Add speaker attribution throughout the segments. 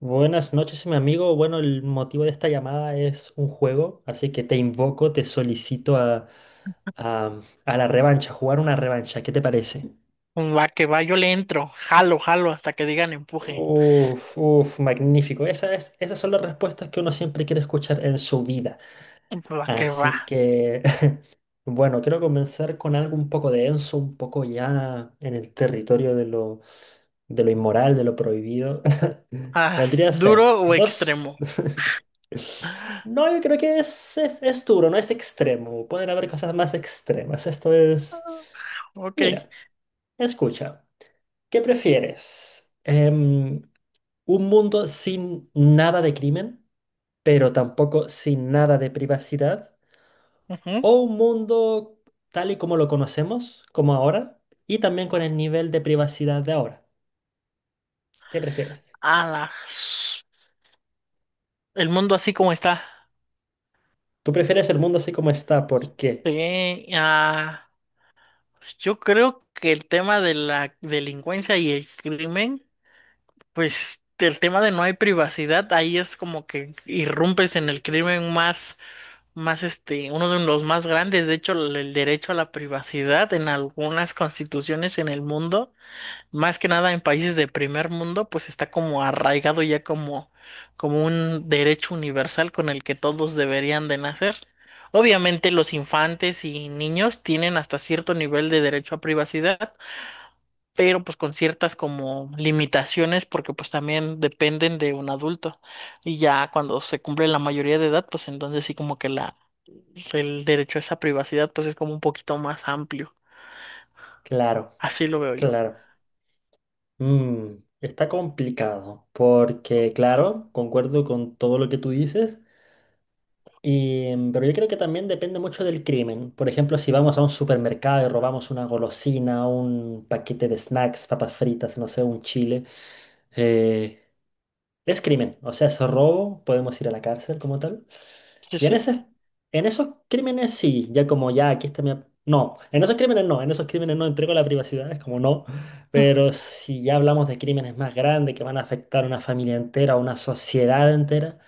Speaker 1: Buenas noches, mi amigo. Bueno, el motivo de esta llamada es un juego, así que te invoco, te solicito a, a la revancha, jugar una revancha. ¿Qué te parece?
Speaker 2: Va que va, yo le entro, jalo, jalo hasta que digan empuje.
Speaker 1: Uf, uf, magnífico. Esas son las respuestas que uno siempre quiere escuchar en su vida.
Speaker 2: Va que va.
Speaker 1: Así que Bueno, quiero comenzar con algo un poco denso, un poco ya en el territorio de de lo inmoral, de lo prohibido.
Speaker 2: Ah,
Speaker 1: Vendría a
Speaker 2: ¿duro
Speaker 1: ser
Speaker 2: o
Speaker 1: dos.
Speaker 2: extremo? Ah,
Speaker 1: No, yo creo que es duro, no es extremo. Pueden haber cosas más extremas. Esto es...
Speaker 2: ok.
Speaker 1: Mira, escucha. ¿Qué prefieres? ¿Un mundo sin nada de crimen, pero tampoco sin nada de privacidad?
Speaker 2: Ujú.
Speaker 1: ¿O un mundo tal y como lo conocemos, como ahora, y también con el nivel de privacidad de ahora? ¿Qué prefieres?
Speaker 2: A la. El mundo así como está.
Speaker 1: ¿Tú prefieres el mundo así como está? ¿Por qué?
Speaker 2: Sí, yo creo que el tema de la delincuencia y el crimen, pues el tema de no hay privacidad, ahí es como que irrumpes en el crimen más. Más uno de los más grandes, de hecho, el derecho a la privacidad en algunas constituciones en el mundo, más que nada en países de primer mundo, pues está como arraigado ya como, como un derecho universal con el que todos deberían de nacer. Obviamente los infantes y niños tienen hasta cierto nivel de derecho a privacidad, pero pues con ciertas como limitaciones porque pues también dependen de un adulto. Y ya cuando se cumple la mayoría de edad, pues entonces sí como que la el derecho a esa privacidad pues es como un poquito más amplio.
Speaker 1: Claro,
Speaker 2: Así lo veo yo.
Speaker 1: claro. Mm, está complicado, porque claro, concuerdo con todo lo que tú dices, y, pero yo creo que también depende mucho del crimen. Por ejemplo, si vamos a un supermercado y robamos una golosina, un paquete de snacks, papas fritas, no sé, un chile. eh, Es crimen, o sea, es robo, podemos ir a la cárcel como tal.
Speaker 2: Sí,
Speaker 1: Y en
Speaker 2: sí.
Speaker 1: en esos crímenes sí, ya como ya aquí está no, en esos crímenes no, en esos crímenes no entrego la privacidad, es como no.
Speaker 2: mm,
Speaker 1: Pero si ya hablamos de crímenes más grandes que van a afectar a una familia entera, a una sociedad entera,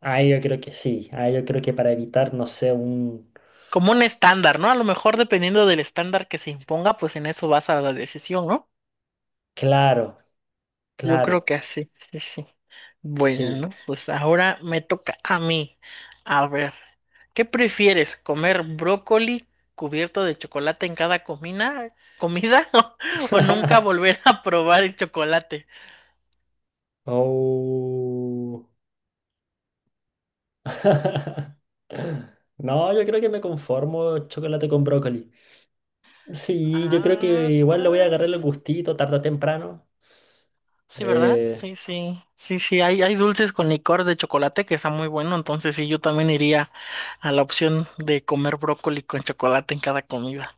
Speaker 1: ahí yo creo que sí, ahí yo creo que para evitar, no sé, un...
Speaker 2: Como un estándar, ¿no? A lo mejor dependiendo del estándar que se imponga, pues en eso vas a la decisión, ¿no?
Speaker 1: Claro,
Speaker 2: Yo creo
Speaker 1: claro,
Speaker 2: que así, sí, sí. Bueno,
Speaker 1: sí.
Speaker 2: pues ahora me toca a mí. A ver, ¿qué prefieres? ¿Comer brócoli cubierto de chocolate en cada comida o nunca volver a probar el chocolate?
Speaker 1: Oh. No, yo creo que me conformo chocolate con brócoli. Sí, yo creo que
Speaker 2: Ah.
Speaker 1: igual le voy a agarrar el gustito tarde o temprano.
Speaker 2: Sí, ¿verdad?
Speaker 1: Eh,
Speaker 2: Sí, sí, sí, sí, hay dulces con licor de chocolate que está muy bueno, entonces sí, yo también iría a la opción de comer brócoli con chocolate en cada comida.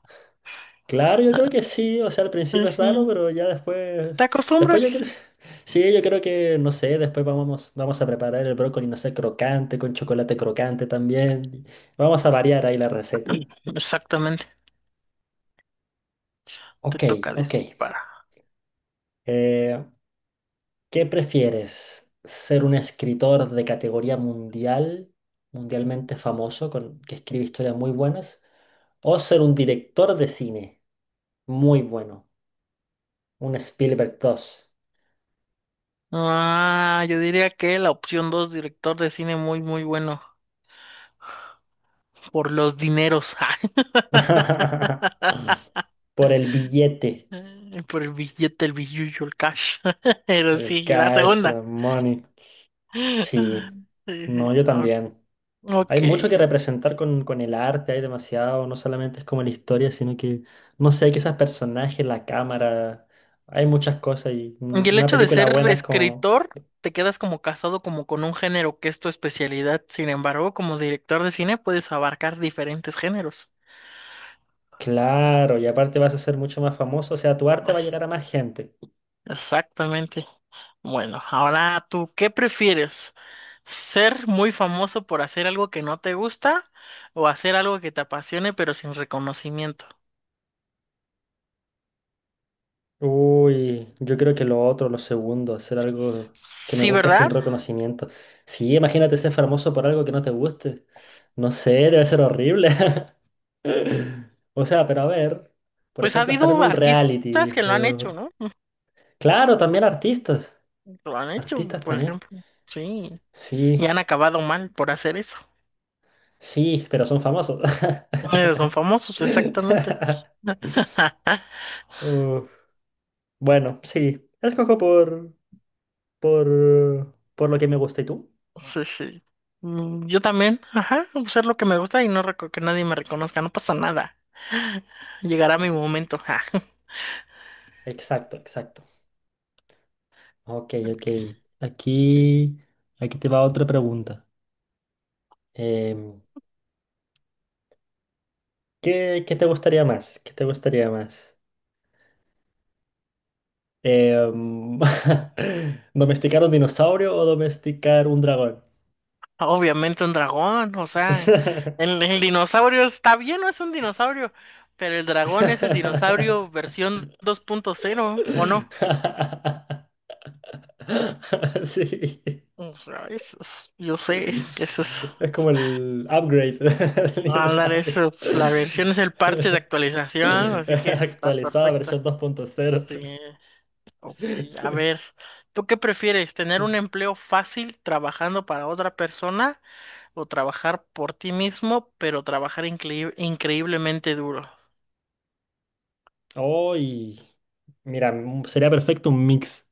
Speaker 1: claro, yo creo que sí, o sea, al
Speaker 2: Sí,
Speaker 1: principio es raro,
Speaker 2: sí.
Speaker 1: pero ya después,
Speaker 2: ¿Te
Speaker 1: después
Speaker 2: acostumbras?
Speaker 1: yo creo, sí, yo creo que, no sé, después vamos a preparar el brócoli, no sé, crocante, con chocolate crocante también. Vamos a variar ahí la receta.
Speaker 2: Exactamente, te
Speaker 1: Ok,
Speaker 2: toca
Speaker 1: ok.
Speaker 2: disparar.
Speaker 1: Eh, ¿Qué prefieres? ¿Ser un escritor de categoría mundial, mundialmente famoso, que escribe historias muy buenas? ¿O ser un director de cine muy bueno? Un Spielberg dos.
Speaker 2: Ah, yo diría que la opción 2 director de cine muy bueno, por los dineros,
Speaker 1: Por el billete,
Speaker 2: ay, por el billete, el billullo, el cash, pero
Speaker 1: el
Speaker 2: sí, la
Speaker 1: cash,
Speaker 2: segunda.
Speaker 1: la money. Sí,
Speaker 2: Eh,
Speaker 1: no, yo
Speaker 2: o-
Speaker 1: también.
Speaker 2: Ok.
Speaker 1: Hay mucho que representar con el arte, hay demasiado, no solamente es como la historia, sino que, no sé, quizás personajes, la cámara, hay muchas cosas y una
Speaker 2: Y el
Speaker 1: una
Speaker 2: hecho de
Speaker 1: película
Speaker 2: ser
Speaker 1: buena es como...
Speaker 2: escritor, te quedas como casado como con un género que es tu especialidad. Sin embargo, como director de cine puedes abarcar diferentes géneros.
Speaker 1: Claro, y aparte vas a ser mucho más famoso, o sea, tu arte va a llegar
Speaker 2: Pues,
Speaker 1: a más gente.
Speaker 2: exactamente. Bueno, ahora tú, ¿qué prefieres? ¿Ser muy famoso por hacer algo que no te gusta o hacer algo que te apasione pero sin reconocimiento?
Speaker 1: Uy, yo creo que lo otro, lo segundo, hacer algo que me
Speaker 2: Sí,
Speaker 1: gusta sin
Speaker 2: ¿verdad?
Speaker 1: reconocimiento. Sí, imagínate ser famoso por algo que no te guste. No sé, debe ser horrible. O sea, pero a ver, por
Speaker 2: Pues ha
Speaker 1: ejemplo, estar en
Speaker 2: habido
Speaker 1: un reality.
Speaker 2: artistas que lo han hecho, ¿no?
Speaker 1: Claro, también artistas.
Speaker 2: Lo han hecho,
Speaker 1: Artistas
Speaker 2: por
Speaker 1: también.
Speaker 2: ejemplo. Sí, y
Speaker 1: Sí,
Speaker 2: han acabado mal por hacer eso.
Speaker 1: sí, pero son famosos.
Speaker 2: Son famosos, exactamente. Ja,
Speaker 1: Uh, bueno, sí, escojo por lo que me gusta. ¿Y tú?
Speaker 2: sí, sí. Mm, yo también, ajá, ser lo que me gusta y que nadie me reconozca, no pasa nada. Llegará mi momento, ja.
Speaker 1: Exacto, exacto. Ok, ok. Aquí, aquí te va otra pregunta. Em, qué te gustaría más? ¿Qué te gustaría más? Em, ¿domesticar un dinosaurio o domesticar un dragón?
Speaker 2: Obviamente un dragón, o sea, el dinosaurio está bien, no es un dinosaurio, pero el dragón es el dinosaurio versión 2.0, ¿o no?
Speaker 1: Sí.
Speaker 2: O sea, yo sé que eso es.
Speaker 1: Es como el upgrade del
Speaker 2: Ándale,
Speaker 1: dinosaurio.
Speaker 2: eso, pues, la versión es el parche de actualización, así que está
Speaker 1: Actualizada
Speaker 2: perfecta.
Speaker 1: versión 2.0.
Speaker 2: Sí. Ok, a ver, ¿tú qué prefieres? ¿Tener un empleo fácil trabajando para otra persona o trabajar por ti mismo, pero trabajar increíblemente duro?
Speaker 1: Hoy, mira, sería perfecto un mix.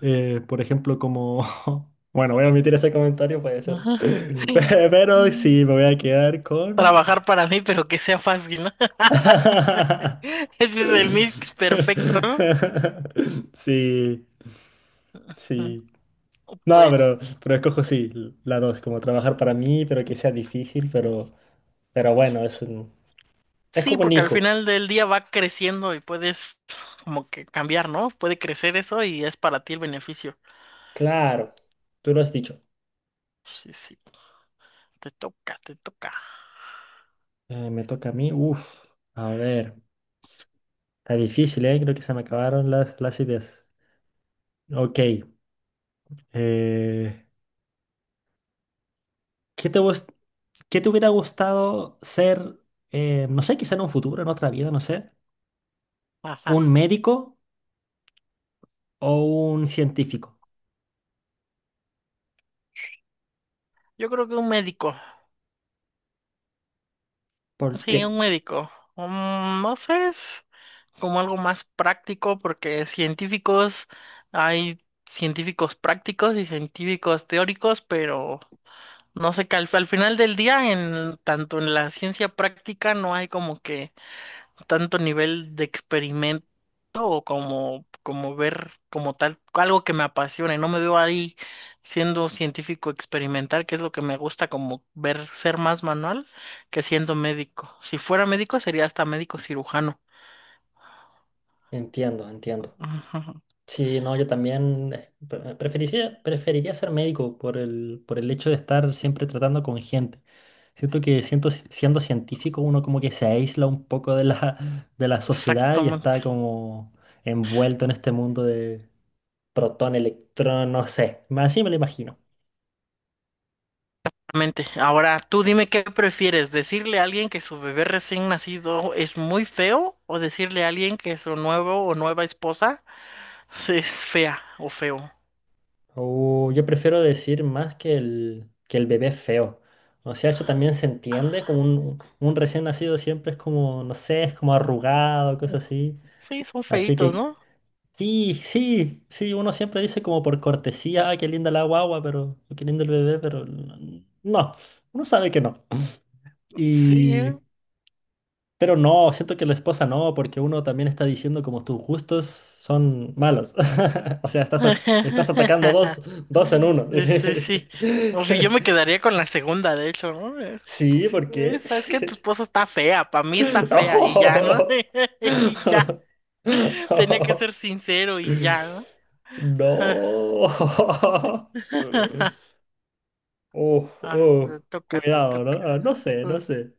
Speaker 1: Por ejemplo, como... Bueno, voy a omitir ese comentario, puede ser.
Speaker 2: Ajá.
Speaker 1: Pero
Speaker 2: Mm.
Speaker 1: sí, me voy a quedar con...
Speaker 2: Trabajar para mí, pero que sea fácil, ¿no? Ese es el mix perfecto, ¿no?
Speaker 1: Sí,
Speaker 2: Mm,
Speaker 1: sí. No,
Speaker 2: pues
Speaker 1: pero escojo sí, la dos, como trabajar para mí, pero que sea difícil, pero bueno, es
Speaker 2: sí,
Speaker 1: como un
Speaker 2: porque al
Speaker 1: hijo.
Speaker 2: final del día va creciendo y puedes como que cambiar, ¿no? Puede crecer eso y es para ti el beneficio.
Speaker 1: Claro, tú lo has dicho.
Speaker 2: Sí, sí, te toca, te toca.
Speaker 1: Me toca a mí. Uf, a ver. Está difícil, ¿eh? Creo que se me acabaron las ideas. Ok. eh, ¿qué te, gust- qué te hubiera gustado ser, no sé, quizá en un futuro, en otra vida, no sé,
Speaker 2: Ajá.
Speaker 1: un médico o un científico?
Speaker 2: Yo creo que un médico,
Speaker 1: ¿Por
Speaker 2: sí,
Speaker 1: qué?
Speaker 2: un médico. Mm, no sé, es como algo más práctico porque científicos, hay científicos prácticos y científicos teóricos, pero no sé que al final del día, en, tanto en la ciencia práctica no hay como que tanto nivel de experimento o como, como ver como tal algo que me apasione. No me veo ahí siendo científico experimental, que es lo que me gusta, como ver ser más manual que siendo médico. Si fuera médico, sería hasta médico cirujano.
Speaker 1: Entiendo, entiendo.
Speaker 2: Ujú,
Speaker 1: Sí, no, yo también preferiría, preferiría ser médico por el hecho de estar siempre tratando con gente. Siento que siendo científico uno como que se aísla un poco de la, de la sociedad y está
Speaker 2: exactamente.
Speaker 1: como envuelto en este mundo de protón, electrón, no sé. Más así me lo imagino.
Speaker 2: Exactamente. Ahora, tú dime qué prefieres, decirle a alguien que su bebé recién nacido es muy feo o decirle a alguien que su nuevo o nueva esposa es fea o feo.
Speaker 1: O yo prefiero decir más que que el bebé feo. O sea, eso también se entiende, como un recién nacido siempre es como, no sé, es como arrugado, cosas así.
Speaker 2: Sí, son
Speaker 1: Así
Speaker 2: feitos,
Speaker 1: que
Speaker 2: ¿no?
Speaker 1: sí, sí, sí, uno siempre dice como por cortesía, ah, qué linda la guagua, pero, o qué lindo el bebé, no, uno sabe que no.
Speaker 2: Sí,
Speaker 1: Y,
Speaker 2: ¿eh?
Speaker 1: pero no, siento que la esposa no, porque uno también está diciendo como tus gustos son malos. O sea, estás atacando dos, dos en uno.
Speaker 2: Sí, sí, sí. O sea, yo me quedaría con la segunda, de hecho, ¿no? Pues
Speaker 1: Sí,
Speaker 2: sí,
Speaker 1: ¿por qué?
Speaker 2: sabes que tu esposa está fea, para mí está fea y ya, ¿no?
Speaker 1: Oh.
Speaker 2: Y ya, tenía que ser sincero y ya, ¿no?
Speaker 1: No. Uf,
Speaker 2: Ah,
Speaker 1: uf,
Speaker 2: te toca, te
Speaker 1: cuidado, ¿no?
Speaker 2: toca.
Speaker 1: Ah, no sé,
Speaker 2: Uh,
Speaker 1: no sé.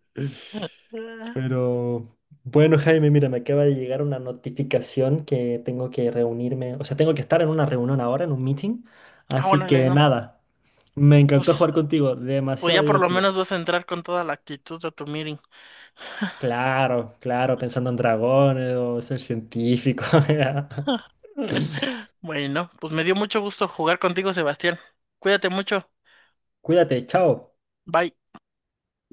Speaker 1: Pero bueno, Jaime, mira, me acaba de llegar una notificación que tengo que reunirme, o sea, tengo que estar en una reunión ahora, en un meeting.
Speaker 2: Ah,
Speaker 1: Así
Speaker 2: órale,
Speaker 1: que
Speaker 2: no.
Speaker 1: nada, me encantó
Speaker 2: Pues,
Speaker 1: jugar contigo,
Speaker 2: pues
Speaker 1: demasiado
Speaker 2: ya por lo
Speaker 1: divertido.
Speaker 2: menos vas a entrar con toda la actitud a tu meeting.
Speaker 1: Claro, claro, pensando en dragones o ser científico.
Speaker 2: Bueno, pues me dio mucho gusto jugar contigo, Sebastián. Cuídate mucho.
Speaker 1: Cuídate, chao.
Speaker 2: Bye.